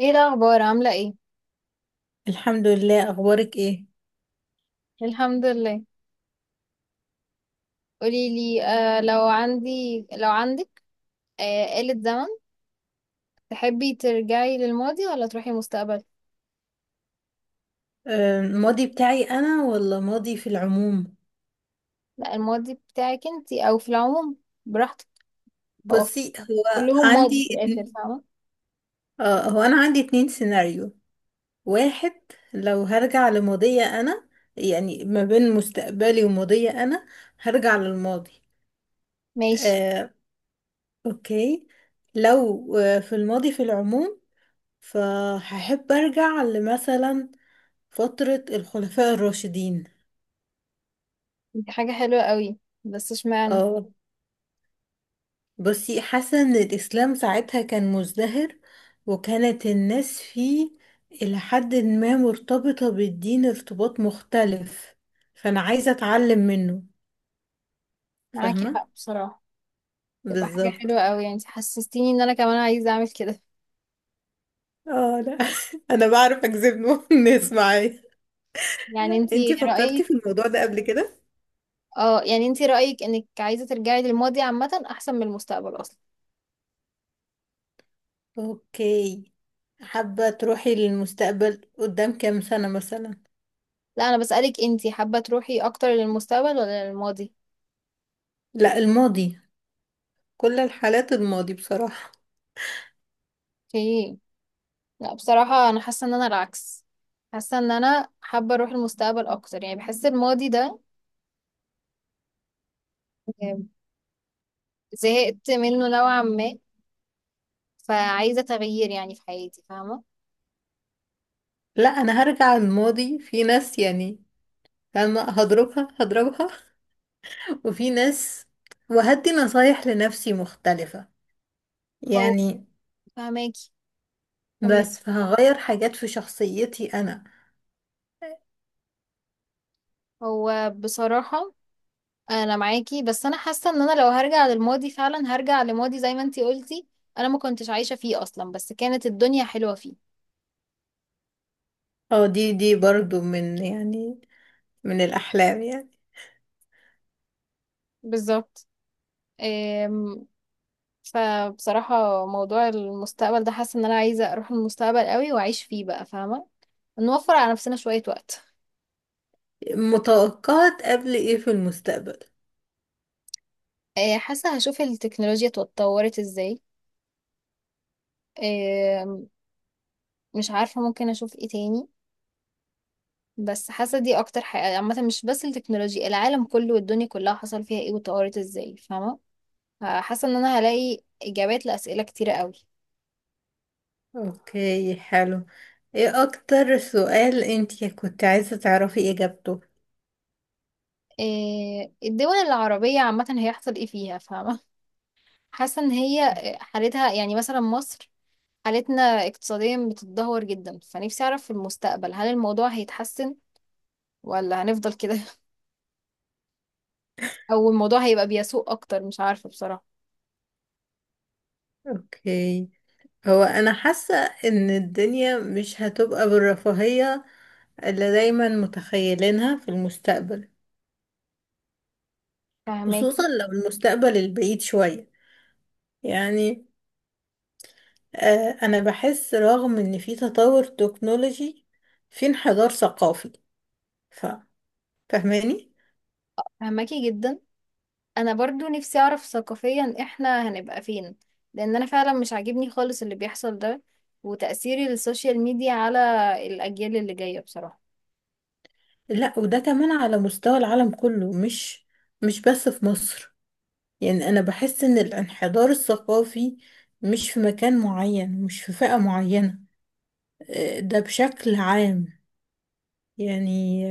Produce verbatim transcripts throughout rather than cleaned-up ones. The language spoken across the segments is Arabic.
ايه الاخبار؟ عامله ايه؟ الحمد لله، اخبارك ايه؟ الحمد لله. قولي لي، آه لو عندي لو عندك آه آلة زمن، تحبي ترجعي للماضي ولا تروحي المستقبل؟ آه، الماضي بتاعي انا ولا ماضي في العموم. لا، الماضي بتاعك انتي او في العموم، براحتك. هو في- بصي، هو كلهم ماضي عندي في اتن- الاخر، فاهمه؟ اه هو انا عندي اتنين سيناريو. واحد، لو هرجع لماضية انا، يعني ما بين مستقبلي وماضية انا، هرجع للماضي. ماشي. آه، اوكي. لو آه، في الماضي في العموم، فهحب ارجع لمثلا فترة الخلفاء الراشدين. دي حاجه حلوه قوي، بس اشمعنى؟ اه، بصي، حاسة ان الاسلام ساعتها كان مزدهر، وكانت الناس فيه الى حد ما مرتبطة بالدين ارتباط مختلف، فانا عايزة اتعلم منه. معاكي فاهمة، حق بصراحه. تبقى حاجه بالظبط. حلوه قوي، يعني انتي حسستيني ان انا كمان عايزه اعمل كده. اه لا، انا بعرف اجذب نوع الناس معايا. يعني انتي انتي فكرتي رايك في الموضوع ده قبل كده؟ اه، يعني انتي رايك انك عايزه ترجعي للماضي عامه احسن من المستقبل اصلا؟ اوكي. حابة تروحي للمستقبل قدام كام سنة مثلا؟ لا، انا بسألك انتي حابة تروحي اكتر للمستقبل ولا للماضي؟ لا الماضي، كل الحالات الماضي بصراحة. اوكي. لا، بصراحة انا حاسة ان انا العكس. حاسة ان انا حابة اروح المستقبل اكتر، يعني بحس الماضي ده آه، زهقت منه نوعا ما، فعايزة تغيير يعني في حياتي، فاهمة؟ لا، انا هرجع الماضي في ناس يعني، فاهمة، هضربها هضربها. وفي ناس وهدي نصايح لنفسي مختلفة، هو يعني. فهماكي؟ كملي. بس فهغير حاجات في شخصيتي أنا. هو بصراحة، انا معاكي، بس انا حاسة ان انا لو هرجع للماضي فعلا هرجع لماضي زي ما انتي قلتي. انا ما كنتش عايشة فيه اصلا، بس كانت الدنيا حلوة فيه. اه، دي دي برضو من يعني من الأحلام يعني. بالظبط. فبصراحة موضوع المستقبل ده، حاسة ان انا عايزة اروح المستقبل قوي واعيش فيه بقى، فاهمة؟ نوفر على نفسنا شوية وقت. متوقعة قبل ايه في المستقبل؟ آه، حاسة هشوف التكنولوجيا اتطورت ازاي. آه، مش عارفة ممكن اشوف ايه تاني. بس حاسة دي اكتر حاجة عامة، مش بس التكنولوجيا، العالم كله والدنيا كلها حصل فيها ايه واتطورت ازاي، فاهمة؟ حاسة ان انا هلاقي اجابات لأسئلة كتيرة قوي. اوكي حلو. ايه أكتر سؤال انتي كنت عايزة تعرفي إجابته؟ آه، الدول العربية عامة هيحصل ايه فيها، فاهمة؟ حاسة ان هي حالتها، يعني مثلا مصر، حالتنا اقتصاديا بتتدهور جدا، فنفسي اعرف في المستقبل هل الموضوع هيتحسن ولا هنفضل كده، او الموضوع هيبقى بيسوء اكتر، مش عارفة بصراحة. اوكي. هو انا حاسة ان الدنيا مش هتبقى بالرفاهية اللي دايما متخيلينها في المستقبل، خصوصا فهماكي لو المستقبل البعيد شوية، يعني. آه، انا بحس رغم ان في تطور تكنولوجي، في انحدار ثقافي. ف... فاهماني؟ فهماكي جدا. انا برضو نفسي اعرف ثقافيا احنا هنبقى فين، لان انا فعلا مش عاجبني خالص اللي بيحصل ده، وتأثير السوشيال ميديا على الاجيال اللي جاية، بصراحة. لا، وده كمان على مستوى العالم كله، مش مش بس في مصر. يعني انا بحس ان الانحدار الثقافي مش في مكان معين، مش في فئة معينة. آه، ده بشكل عام يعني.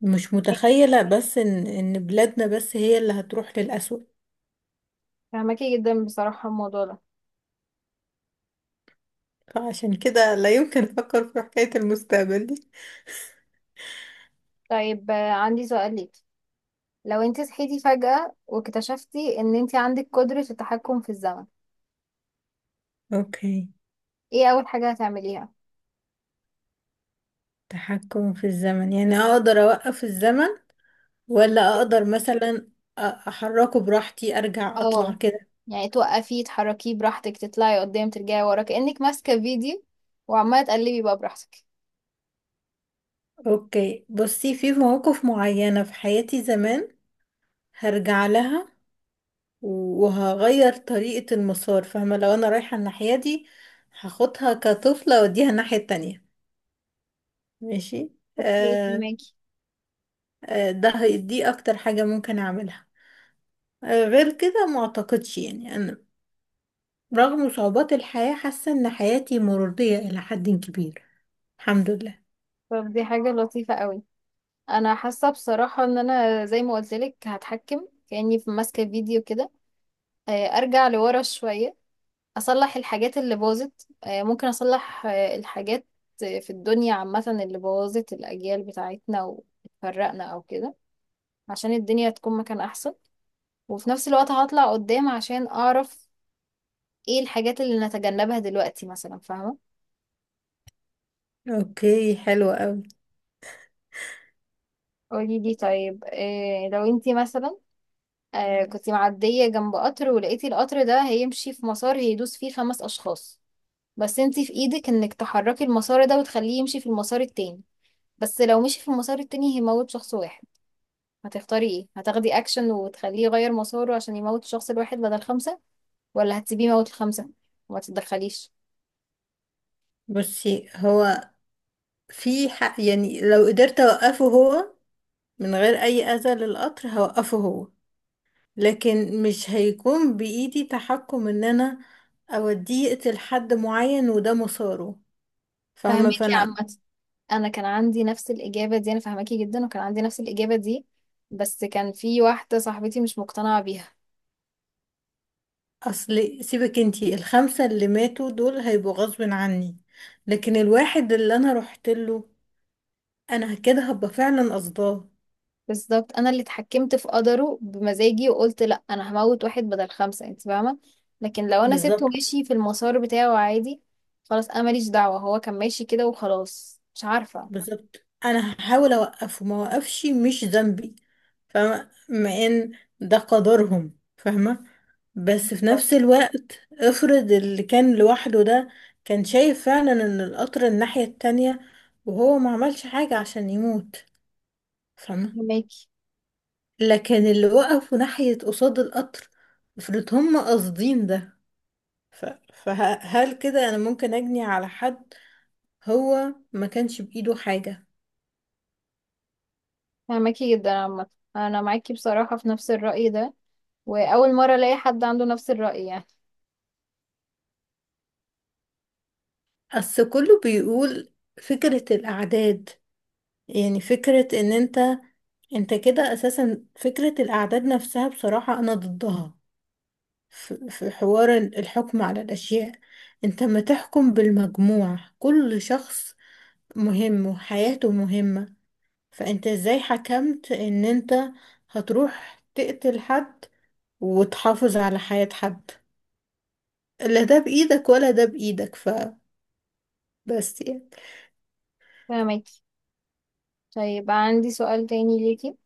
مش متخيلة بس إن إن بلادنا بس هي اللي هتروح للأسوأ. فهماكي جدا، بصراحة الموضوع ده. فعشان كده لا يمكن أفكر في حكاية المستقبل دي. طيب، آه، عندي سؤال ليك. لو انت صحيتي فجأة واكتشفتي ان انت عندك قدرة التحكم في الزمن، أوكي. ايه اول حاجة هتعمليها؟ تحكم في الزمن يعني أقدر أوقف الزمن، ولا أقدر مثلا أ- أحركه براحتي، أرجع أطلع اه، كده؟ يعني توقفيه، تحركيه براحتك، تطلعي قدام، ترجعي ورا، كأنك ماسكة فيديو وعمالة تقلبي بقى براحتك. أوكي، بصي، في مواقف معينة في حياتي زمان هرجع لها وهغير طريقة المسار. فاهمة، لو أنا رايحة الناحية دي هاخدها كطفلة وأوديها الناحية التانية. ماشي، اوكي، آه. فهماكي. آه، ده هي- دي اكتر حاجة ممكن اعملها. آه، غير كده ما اعتقدش، يعني انا رغم صعوبات الحياة حاسة ان حياتي مرضية الى حد كبير، الحمد لله. طب دي حاجة لطيفة قوي. انا حاسة بصراحة ان انا زي ما قلت لك هتحكم كأني في ماسكة فيديو كده، آه، ارجع لورا شوية، اصلح الحاجات اللي باظت، آه، ممكن اصلح آه، الحاجات آه، في الدنيا عامة اللي بوظت الاجيال بتاعتنا وفرقنا او كده، عشان الدنيا تكون مكان احسن. وفي نفس الوقت هطلع قدام عشان اعرف ايه الحاجات اللي نتجنبها دلوقتي مثلا، فاهمة؟ اوكي حلو قوي. قولي لي، طيب إيه لو انتي مثلا آه كنتي معدية جنب قطر ولقيتي القطر ده هيمشي في مسار هيدوس فيه خمس اشخاص، بس انتي في ايدك انك تحركي المسار ده وتخليه يمشي في المسار التاني، بس لو مشي في المسار التاني هيموت شخص واحد. هتختاري ايه؟ هتاخدي اكشن وتخليه يغير مساره عشان يموت الشخص الواحد بدل خمسة، ولا هتسيبيه يموت الخمسة وما تتدخليش؟ بصي، هو في حق، يعني لو قدرت اوقفه هو من غير اي اذى للقطر هوقفه هو، لكن مش هيكون بايدي تحكم ان انا اوديه يقتل حد معين وده مساره. فاهمة؟ فهميكي يا عم. فانا، انا كان عندي نفس الاجابه دي، انا فاهماكي جدا، وكان عندي نفس الاجابه دي، بس كان في واحده صاحبتي مش مقتنعه بيها. اصل سيبك، انتي الخمسة اللي ماتوا دول هيبقوا غصب عني، لكن الواحد اللي انا رحت له انا كده هبقى فعلا قصداه. بالظبط، انا اللي اتحكمت في قدره بمزاجي وقلت لا، انا هموت واحد بدل خمسه، انت فاهمه؟ لكن لو انا سبته بالظبط. ماشي في المسار بتاعه عادي، خلاص انا ماليش دعوه، هو كان ماشي كده وخلاص، مش عارفه. بالظبط، انا هحاول اوقفه، ما وقفش مش ذنبي. فاهمة؟ مع ان ده قدرهم، فاهمة. بس في نفس الوقت افرض اللي كان لوحده ده كان شايف فعلا ان القطر الناحية التانية وهو ما عملش حاجة عشان يموت، فاهمة. فاهماكي لكن اللي وقفوا ناحية قصاد القطر افرض هم قاصدين ده. ف... فهل كده انا ممكن اجني على حد هو ما كانش بايده حاجة؟ فاهماكي جدا عامه. انا معاكي بصراحه في نفس الراي ده، واول مره الاقي حد عنده نفس الراي يعني. اصل كله بيقول فكرة الاعداد، يعني فكرة ان انت، انت كده اساسا فكرة الاعداد نفسها بصراحة انا ضدها. ف- في حوار الحكم على الاشياء، انت ما تحكم بالمجموع. كل شخص مهم وحياته مهمة. فانت ازاي حكمت ان انت هتروح تقتل حد وتحافظ على حياة حد؟ لا ده بإيدك ولا ده بإيدك. فبس يعني. فاهماكي. طيب، عندي سؤال تاني ليكي.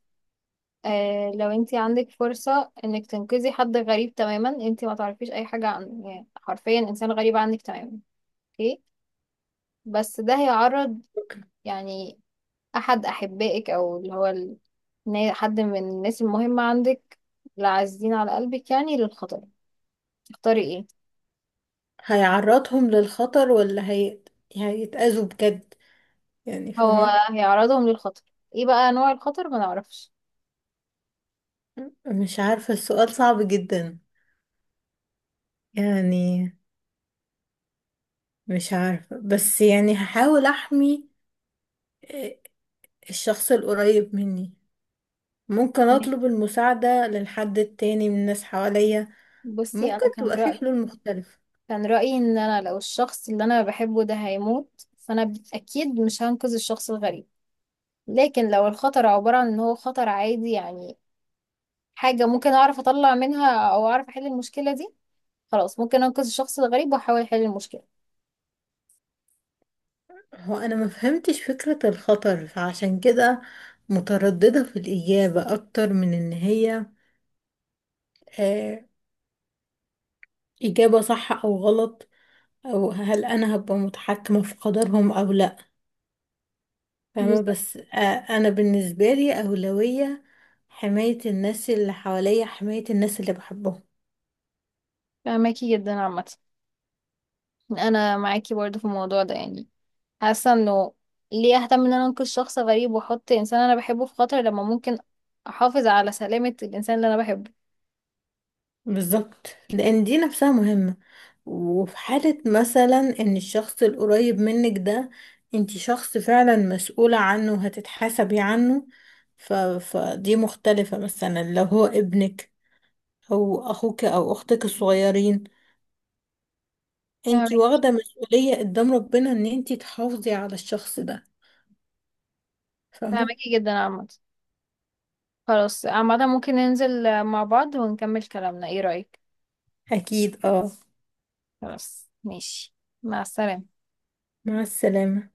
آه لو انتي عندك فرصة انك تنقذي حد غريب تماما، انتي ما تعرفيش اي حاجة عنه، يعني حرفيا انسان غريب عنك تماما، اوكي؟ بس ده هيعرض يعني احد احبائك او اللي هو ال... نا- حد من الناس المهمة عندك، العزيزين على قلبك، يعني للخطر. تختاري ايه؟ هيعرضهم للخطر ولا هي... هيتأذوا بجد يعني، هو فاهمة؟ هيعرضهم للخطر. ايه بقى نوع الخطر؟ ما نعرفش. مش عارفة، السؤال صعب جدا، يعني. مش عارفة، بس يعني هحاول أحمي آه، الشخص القريب مني. ممكن تمام. أطلب المساعدة للحد التاني من الناس حواليا. بصي، ممكن انا كان تبقى في رأيي حلول مختلفة. كان رأيي ان انا لو الشخص اللي انا بحبه ده هيموت، فانا اكيد مش هنقذ الشخص الغريب. لكن لو الخطر عبارة عن ان هو خطر عادي، يعني حاجة ممكن اعرف اطلع منها او اعرف احل المشكلة دي، خلاص ممكن انقذ الشخص الغريب واحاول احل المشكلة. هو انا ما فهمتش فكرة الخطر، فعشان كده مترددة في الإجابة اكتر من ان هي آه إجابة صح او غلط، او هل انا هبقى متحكمة في قدرهم او لا. فاهمة، بالظبط، بس آه. انا بالنسبة لي أولوية حماية الناس اللي حواليا، حماية الناس اللي بحبهم. فماكي جدا عامة. انا معاكي برضه في الموضوع ده، يعني حاسة انه ليه اهتم ان انا انقذ شخص غريب واحط انسان انا بحبه في خطر، لما ممكن احافظ على سلامة الانسان اللي انا بحبه. بالظبط، لان دي نفسها مهمة. وفي حالة مثلا ان الشخص القريب منك ده انتي شخص فعلا مسؤولة عنه وهتتحاسبي عنه. ف... فدي مختلفة، مثلا لو هو ابنك او اخوك او اختك الصغيرين، انتي فاهمك- واخدة مسؤولية قدام ربنا ان انتي تحافظي على الشخص ده. فاهمة. فاهماكي جدا عامة. خلاص عامة، ممكن ننزل مع بعض ونكمل كلامنا، ايه رأيك؟ اكيد اه. خلاص، ماشي. مع السلامة. مع السلامة.